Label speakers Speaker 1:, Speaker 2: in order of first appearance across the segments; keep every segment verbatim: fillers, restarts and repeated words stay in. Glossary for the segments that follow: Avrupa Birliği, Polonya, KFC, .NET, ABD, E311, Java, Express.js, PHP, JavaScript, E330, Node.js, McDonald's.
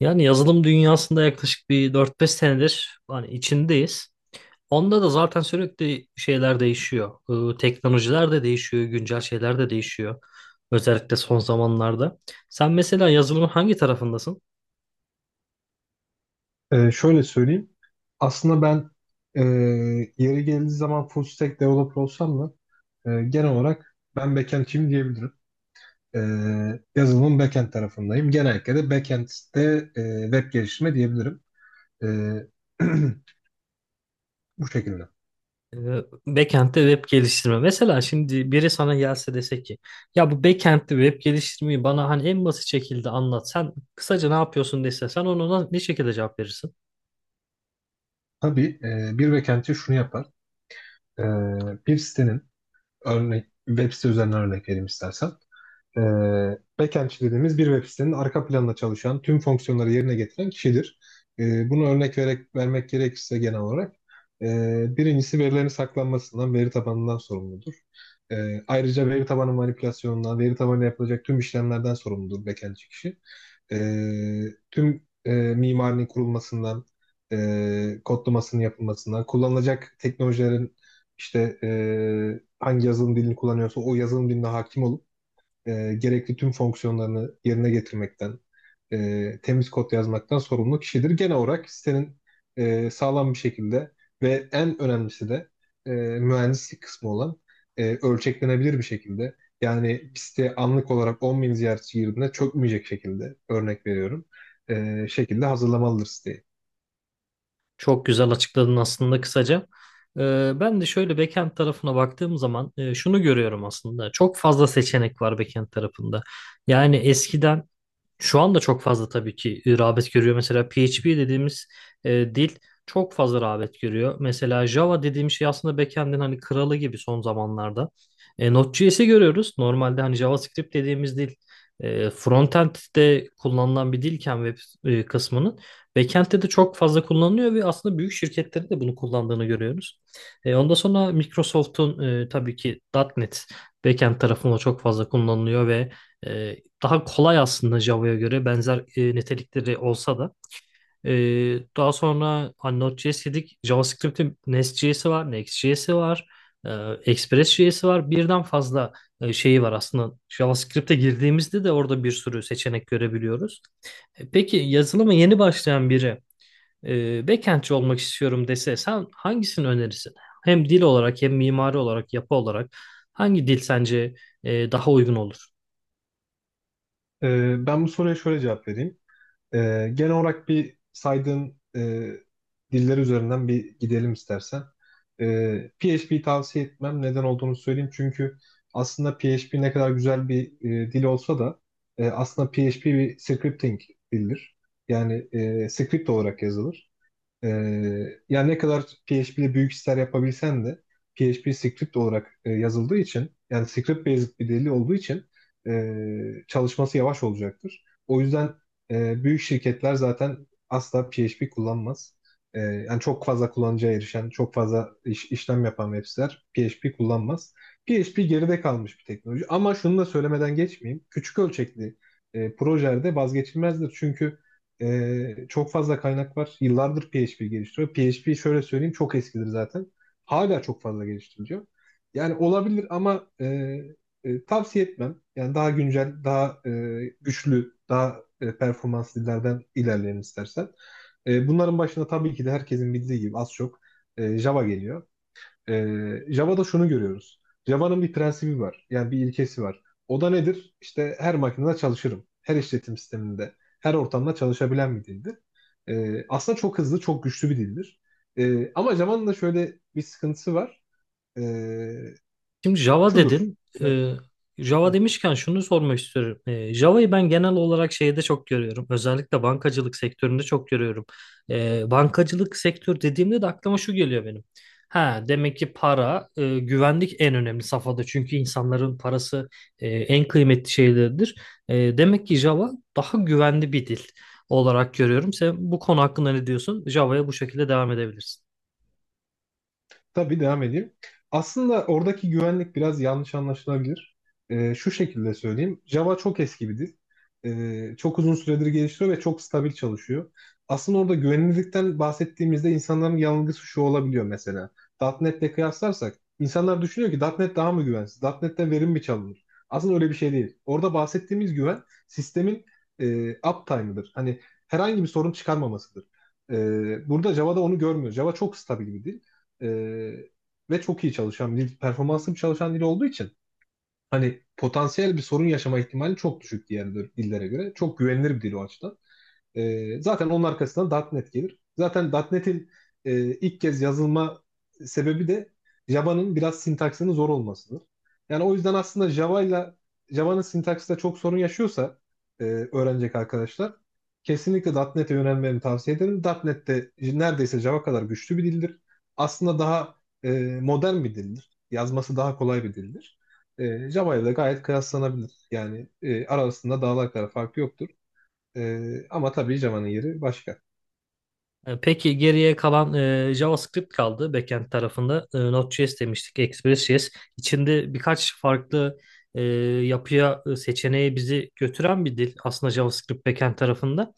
Speaker 1: Yani yazılım dünyasında yaklaşık bir dört beş senedir hani içindeyiz. Onda da zaten sürekli şeyler değişiyor. Ee, teknolojiler de değişiyor, güncel şeyler de değişiyor. Özellikle son zamanlarda. Sen mesela yazılımın hangi tarafındasın?
Speaker 2: Ee, şöyle söyleyeyim. Aslında ben e, yeri geldiği zaman full stack developer olsam da e, genel olarak ben backend'çiyim diyebilirim. E, yazılımın backend tarafındayım. Genellikle de backend'de e, web geliştirme diyebilirim. E, Bu şekilde.
Speaker 1: Ee, Backend'de web geliştirme. Mesela şimdi biri sana gelse dese ki ya bu backend'de web geliştirmeyi bana hani en basit şekilde anlat. Sen kısaca ne yapıyorsun dese sen ona ne şekilde cevap verirsin?
Speaker 2: Tabii, e, bir backendçi şunu yapar. E, bir sitenin örnek web site üzerinden örnek vereyim istersen. e, backendçi dediğimiz bir web sitenin arka planında çalışan, tüm fonksiyonları yerine getiren kişidir. E, bunu örnek vererek, vermek gerekirse genel olarak, e, birincisi verilerin saklanmasından, veri tabanından sorumludur. E, ayrıca veri tabanı manipülasyonundan, veri tabanına yapılacak tüm işlemlerden sorumludur backendçi kişi. E, tüm e, mimarinin kurulmasından, e, kodlamasının yapılmasından, kullanılacak teknolojilerin işte e, hangi yazılım dilini kullanıyorsa o yazılım diline hakim olup e, gerekli tüm fonksiyonlarını yerine getirmekten, e, temiz kod yazmaktan sorumlu kişidir. Genel olarak sitenin e, sağlam bir şekilde ve en önemlisi de e, mühendislik kısmı olan e, ölçeklenebilir bir şekilde. Yani bir site anlık olarak on bin ziyaretçi girdiğinde çökmeyecek şekilde örnek veriyorum. e, şekilde hazırlamalıdır siteyi.
Speaker 1: Çok güzel açıkladın aslında kısaca. Ee, ben de şöyle backend tarafına baktığım zaman e, şunu görüyorum aslında. Çok fazla seçenek var backend tarafında. Yani eskiden şu anda çok fazla tabii ki e, rağbet görüyor. Mesela P H P dediğimiz e, dil çok fazla rağbet görüyor. Mesela Java dediğim şey aslında backend'in hani kralı gibi son zamanlarda. E, Node.js'i görüyoruz. Normalde hani JavaScript dediğimiz dil e, frontend'de kullanılan bir dilken web e, kısmının backend'de de çok fazla kullanılıyor ve aslında büyük şirketlerin de bunu kullandığını görüyoruz. E, ondan sonra Microsoft'un e, tabii ki .nokta .NET backend tarafında çok fazla kullanılıyor ve e, daha kolay aslında Java'ya göre benzer e, nitelikleri olsa da. E, Daha sonra hani Node.js dedik. JavaScript'in Nest.js'i var, Next.js'i var, e, Express.js'i var. Birden fazla e, şeyi var aslında. JavaScript'e girdiğimizde de orada bir sürü seçenek görebiliyoruz. E, peki yazılıma yeni başlayan biri e, backendçi olmak istiyorum dese sen hangisini önerirsin? Hem dil olarak hem mimari olarak, yapı olarak hangi dil sence e, daha uygun olur?
Speaker 2: E, ben bu soruya şöyle cevap vereyim. Ee, genel olarak bir saydığın e, diller üzerinden bir gidelim istersen. Ee, P H P tavsiye etmem. Neden olduğunu söyleyeyim. Çünkü aslında P H P ne kadar güzel bir e, dil olsa da, e, aslında P H P bir scripting dildir. Yani e, script olarak yazılır. Ee, yani ne kadar P H P ile büyük işler yapabilsen de P H P script olarak e, yazıldığı için yani script based bir dili olduğu için e, çalışması yavaş olacaktır. O yüzden e, büyük şirketler zaten asla P H P kullanmaz. E, yani çok fazla kullanıcıya erişen, çok fazla iş- işlem yapan web siteler P H P kullanmaz. P H P geride kalmış bir teknoloji. Ama şunu da söylemeden geçmeyeyim. Küçük ölçekli e, projelerde vazgeçilmezdir. Çünkü ee, çok fazla kaynak var. Yıllardır P H P geliştiriyor. P H P şöyle söyleyeyim, çok eskidir zaten. Hala çok fazla geliştiriliyor. Yani olabilir ama e, e, tavsiye etmem. Yani daha güncel, daha e, güçlü, daha e, performanslı dillerden ilerleyelim istersen. E, bunların başında tabii ki de herkesin bildiği gibi az çok e, Java geliyor. Ee, Java'da şunu görüyoruz. Java'nın bir prensibi var. Yani bir ilkesi var. O da nedir? İşte her makinede çalışırım. Her işletim sisteminde, her ortamda çalışabilen bir dildir. Ee, aslında çok hızlı, çok güçlü bir dildir. Ee, ama Java'nın da şöyle bir sıkıntısı var. Ee,
Speaker 1: Şimdi Java
Speaker 2: Şudur.
Speaker 1: dedin.
Speaker 2: Ya-
Speaker 1: Ee, Java demişken şunu sormak istiyorum. Ee, Java'yı ben genel olarak şeyde çok görüyorum. Özellikle bankacılık sektöründe çok görüyorum. Ee, bankacılık sektör dediğimde de aklıma şu geliyor benim. Ha, demek ki para, e, güvenlik en önemli safhada. Çünkü insanların parası e, en kıymetli şeylerdir. E, demek ki Java daha güvenli bir dil olarak görüyorum. Sen bu konu hakkında ne diyorsun? Java'ya bu şekilde devam edebilirsin.
Speaker 2: Tabii devam edeyim. Aslında oradaki güvenlik biraz yanlış anlaşılabilir. Ee, şu şekilde söyleyeyim. Java çok eski bir dil. Ee, çok uzun süredir geliştiriyor ve çok stabil çalışıyor. Aslında orada güvenilirlikten bahsettiğimizde insanların yanılgısı şu olabiliyor mesela. .NET'le kıyaslarsak insanlar düşünüyor ki .NET daha mı güvensiz? .NET'ten verim mi çalınır? Aslında öyle bir şey değil. Orada bahsettiğimiz güven sistemin e, uptime'ıdır. Hani herhangi bir sorun çıkarmamasıdır. Ee, burada Java'da onu görmüyoruz. Java çok stabil bir dil. Ee, ve çok iyi çalışan bir dil, performanslı bir çalışan dil olduğu için hani potansiyel bir sorun yaşama ihtimali çok düşük diğer dil- dillere göre. Çok güvenilir bir dil o açıdan. Ee, zaten onun arkasından .nokta .NET gelir. Zaten .nokta .NET'in e, ilk kez yazılma sebebi de Java'nın biraz sintaksinin zor olmasıdır. Yani o yüzden aslında Java ile Java'nın sintaksında çok sorun yaşıyorsa e, öğrenecek arkadaşlar kesinlikle .nokta .NET'e yönelmeni tavsiye ederim. .nokta .NET de neredeyse Java kadar güçlü bir dildir. Aslında daha e, modern bir dildir. Yazması daha kolay bir dildir. E, Java ile gayet kıyaslanabilir. Yani e, arasında dağlar kadar fark yoktur. Ee, ama tabii Cema'nın yeri başka.
Speaker 1: E, Peki geriye kalan e, JavaScript kaldı backend tarafında. E, Node.js demiştik, Express.js. İçinde birkaç farklı e, yapıya, e, seçeneğe bizi götüren bir dil aslında JavaScript backend tarafında.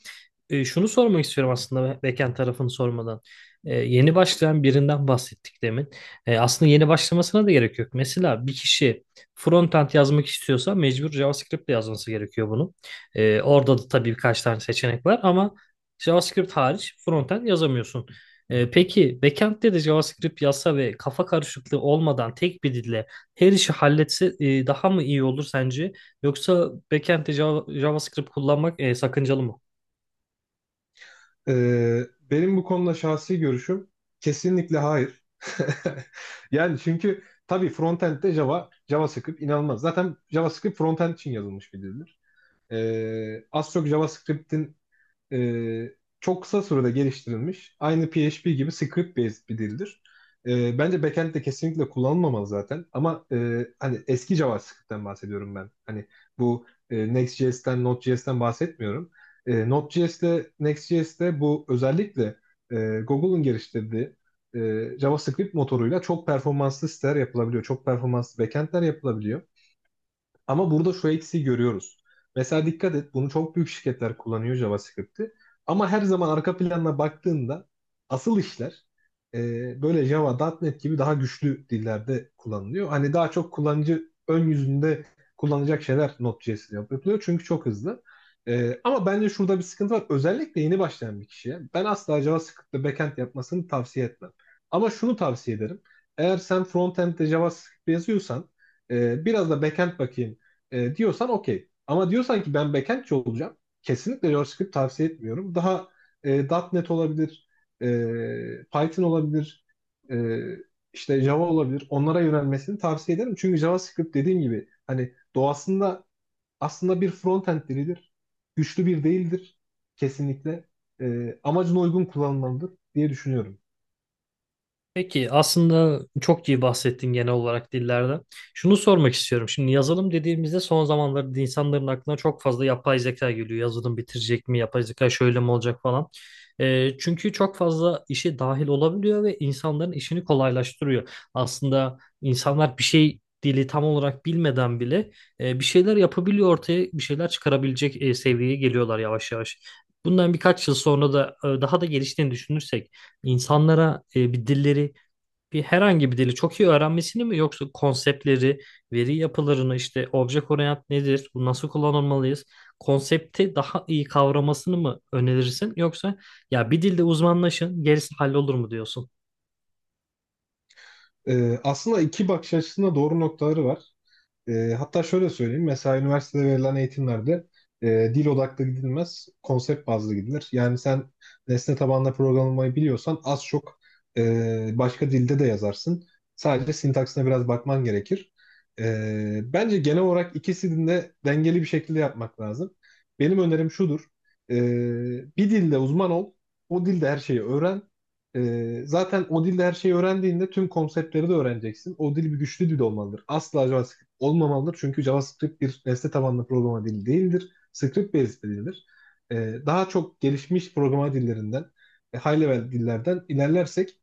Speaker 1: E, şunu sormak istiyorum aslında backend tarafını sormadan. E, yeni başlayan birinden bahsettik demin. E, aslında yeni başlamasına da gerek yok. Mesela bir kişi frontend yazmak istiyorsa mecbur JavaScript ile yazması gerekiyor bunu. E, orada da tabii birkaç tane seçenek var ama JavaScript hariç frontend yazamıyorsun. E, peki backend'de de JavaScript yazsa ve kafa karışıklığı olmadan tek bir dille her işi halletse e, daha mı iyi olur sence? Yoksa backend'de Java- JavaScript kullanmak e, sakıncalı mı?
Speaker 2: Ee, benim bu konuda şahsi görüşüm kesinlikle hayır. Yani çünkü tabii frontend'de Java, JavaScript inanılmaz. Zaten JavaScript frontend için yazılmış bir dildir. Ee, az çok JavaScript'in e, çok kısa sürede geliştirilmiş. Aynı P H P gibi script based bir dildir. E, bence backend de kesinlikle kullanılmamalı zaten. Ama e, hani eski JavaScript'ten bahsediyorum ben. Hani bu e, Next.js'ten, Node.js'ten bahsetmiyorum. E, Node.js'te, Next.js'te bu özellikle e, Google'ın geliştirdiği e, JavaScript motoruyla çok performanslı siteler yapılabiliyor. Çok performanslı backendler yapılabiliyor. Ama burada şu eksiği görüyoruz. Mesela dikkat et, bunu çok büyük şirketler kullanıyor JavaScript'i. Ama her zaman arka planına baktığında asıl işler e, böyle Java, .nokta .NET gibi daha güçlü dillerde kullanılıyor. Hani daha çok kullanıcı ön yüzünde kullanacak şeyler Node.js'de yapılıyor. Çünkü çok hızlı. E, ama bence şurada bir sıkıntı var. Özellikle yeni başlayan bir kişiye. Ben asla JavaScript'te backend yapmasını tavsiye etmem. Ama şunu tavsiye ederim. Eğer sen frontend'de JavaScript yazıyorsan e, biraz da backend bakayım e, diyorsan okey. Ama diyorsan ki ben backendçi olacağım. Kesinlikle JavaScript tavsiye etmiyorum. Daha e, .nokta .NET olabilir, e, Python olabilir, e, işte Java olabilir. Onlara yönelmesini tavsiye ederim. Çünkü JavaScript dediğim gibi hani doğasında aslında bir frontend dilidir. Güçlü bir değildir kesinlikle. E, amacına uygun kullanılmalıdır diye düşünüyorum.
Speaker 1: Peki aslında çok iyi bahsettin genel olarak dillerden. Şunu sormak istiyorum. Şimdi yazılım dediğimizde son zamanlarda insanların aklına çok fazla yapay zeka geliyor. Yazılım bitirecek mi? Yapay zeka şöyle mi olacak falan. Ee, çünkü çok fazla işe dahil olabiliyor ve insanların işini kolaylaştırıyor. Aslında insanlar bir şey dili tam olarak bilmeden bile e, bir şeyler yapabiliyor ortaya bir şeyler çıkarabilecek e, seviyeye geliyorlar yavaş yavaş. Bundan birkaç yıl sonra da e, daha da geliştiğini düşünürsek insanlara e, bir dilleri bir herhangi bir dili çok iyi öğrenmesini mi yoksa konseptleri, veri yapılarını işte obje orient nedir, bu nasıl kullanılmalıyız, konsepti daha iyi kavramasını mı önerirsin yoksa ya bir dilde uzmanlaşın gerisi hallolur mu diyorsun?
Speaker 2: E, aslında iki bakış açısında doğru noktaları var. E, hatta şöyle söyleyeyim. Mesela üniversitede verilen eğitimlerde e, dil odaklı gidilmez, konsept bazlı gidilir. Yani sen nesne tabanlı programlamayı biliyorsan az çok e, başka dilde de yazarsın. Sadece sintaksine biraz bakman gerekir. E, bence genel olarak ikisini de dengeli bir şekilde yapmak lazım. Benim önerim şudur. E, bir dilde uzman ol, o dilde her şeyi öğren. Ee, zaten o dilde her şeyi öğrendiğinde tüm konseptleri de öğreneceksin. O dil bir güçlü dil olmalıdır. Asla JavaScript olmamalıdır. Çünkü JavaScript bir nesne tabanlı programa dili değildir. Script based bir dildir. Ee, daha çok gelişmiş programa dillerinden, e, high level dillerden ilerlersek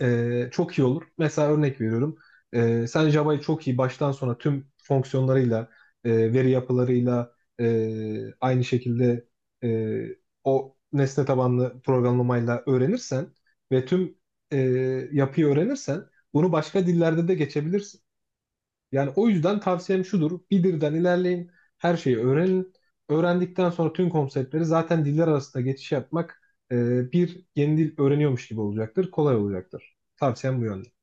Speaker 2: e, çok iyi olur. Mesela örnek veriyorum. E, sen Java'yı çok iyi baştan sona tüm fonksiyonlarıyla, e, veri yapılarıyla e, aynı şekilde e, o nesne tabanlı programlamayla öğrenirsen ve tüm e, yapıyı öğrenirsen bunu başka dillerde de geçebilirsin. Yani o yüzden tavsiyem şudur. Beader'dan ilerleyin. Her şeyi öğrenin. Öğrendikten sonra tüm konseptleri zaten diller arasında geçiş yapmak e, bir yeni dil öğreniyormuş gibi olacaktır. Kolay olacaktır. Tavsiyem bu yönde.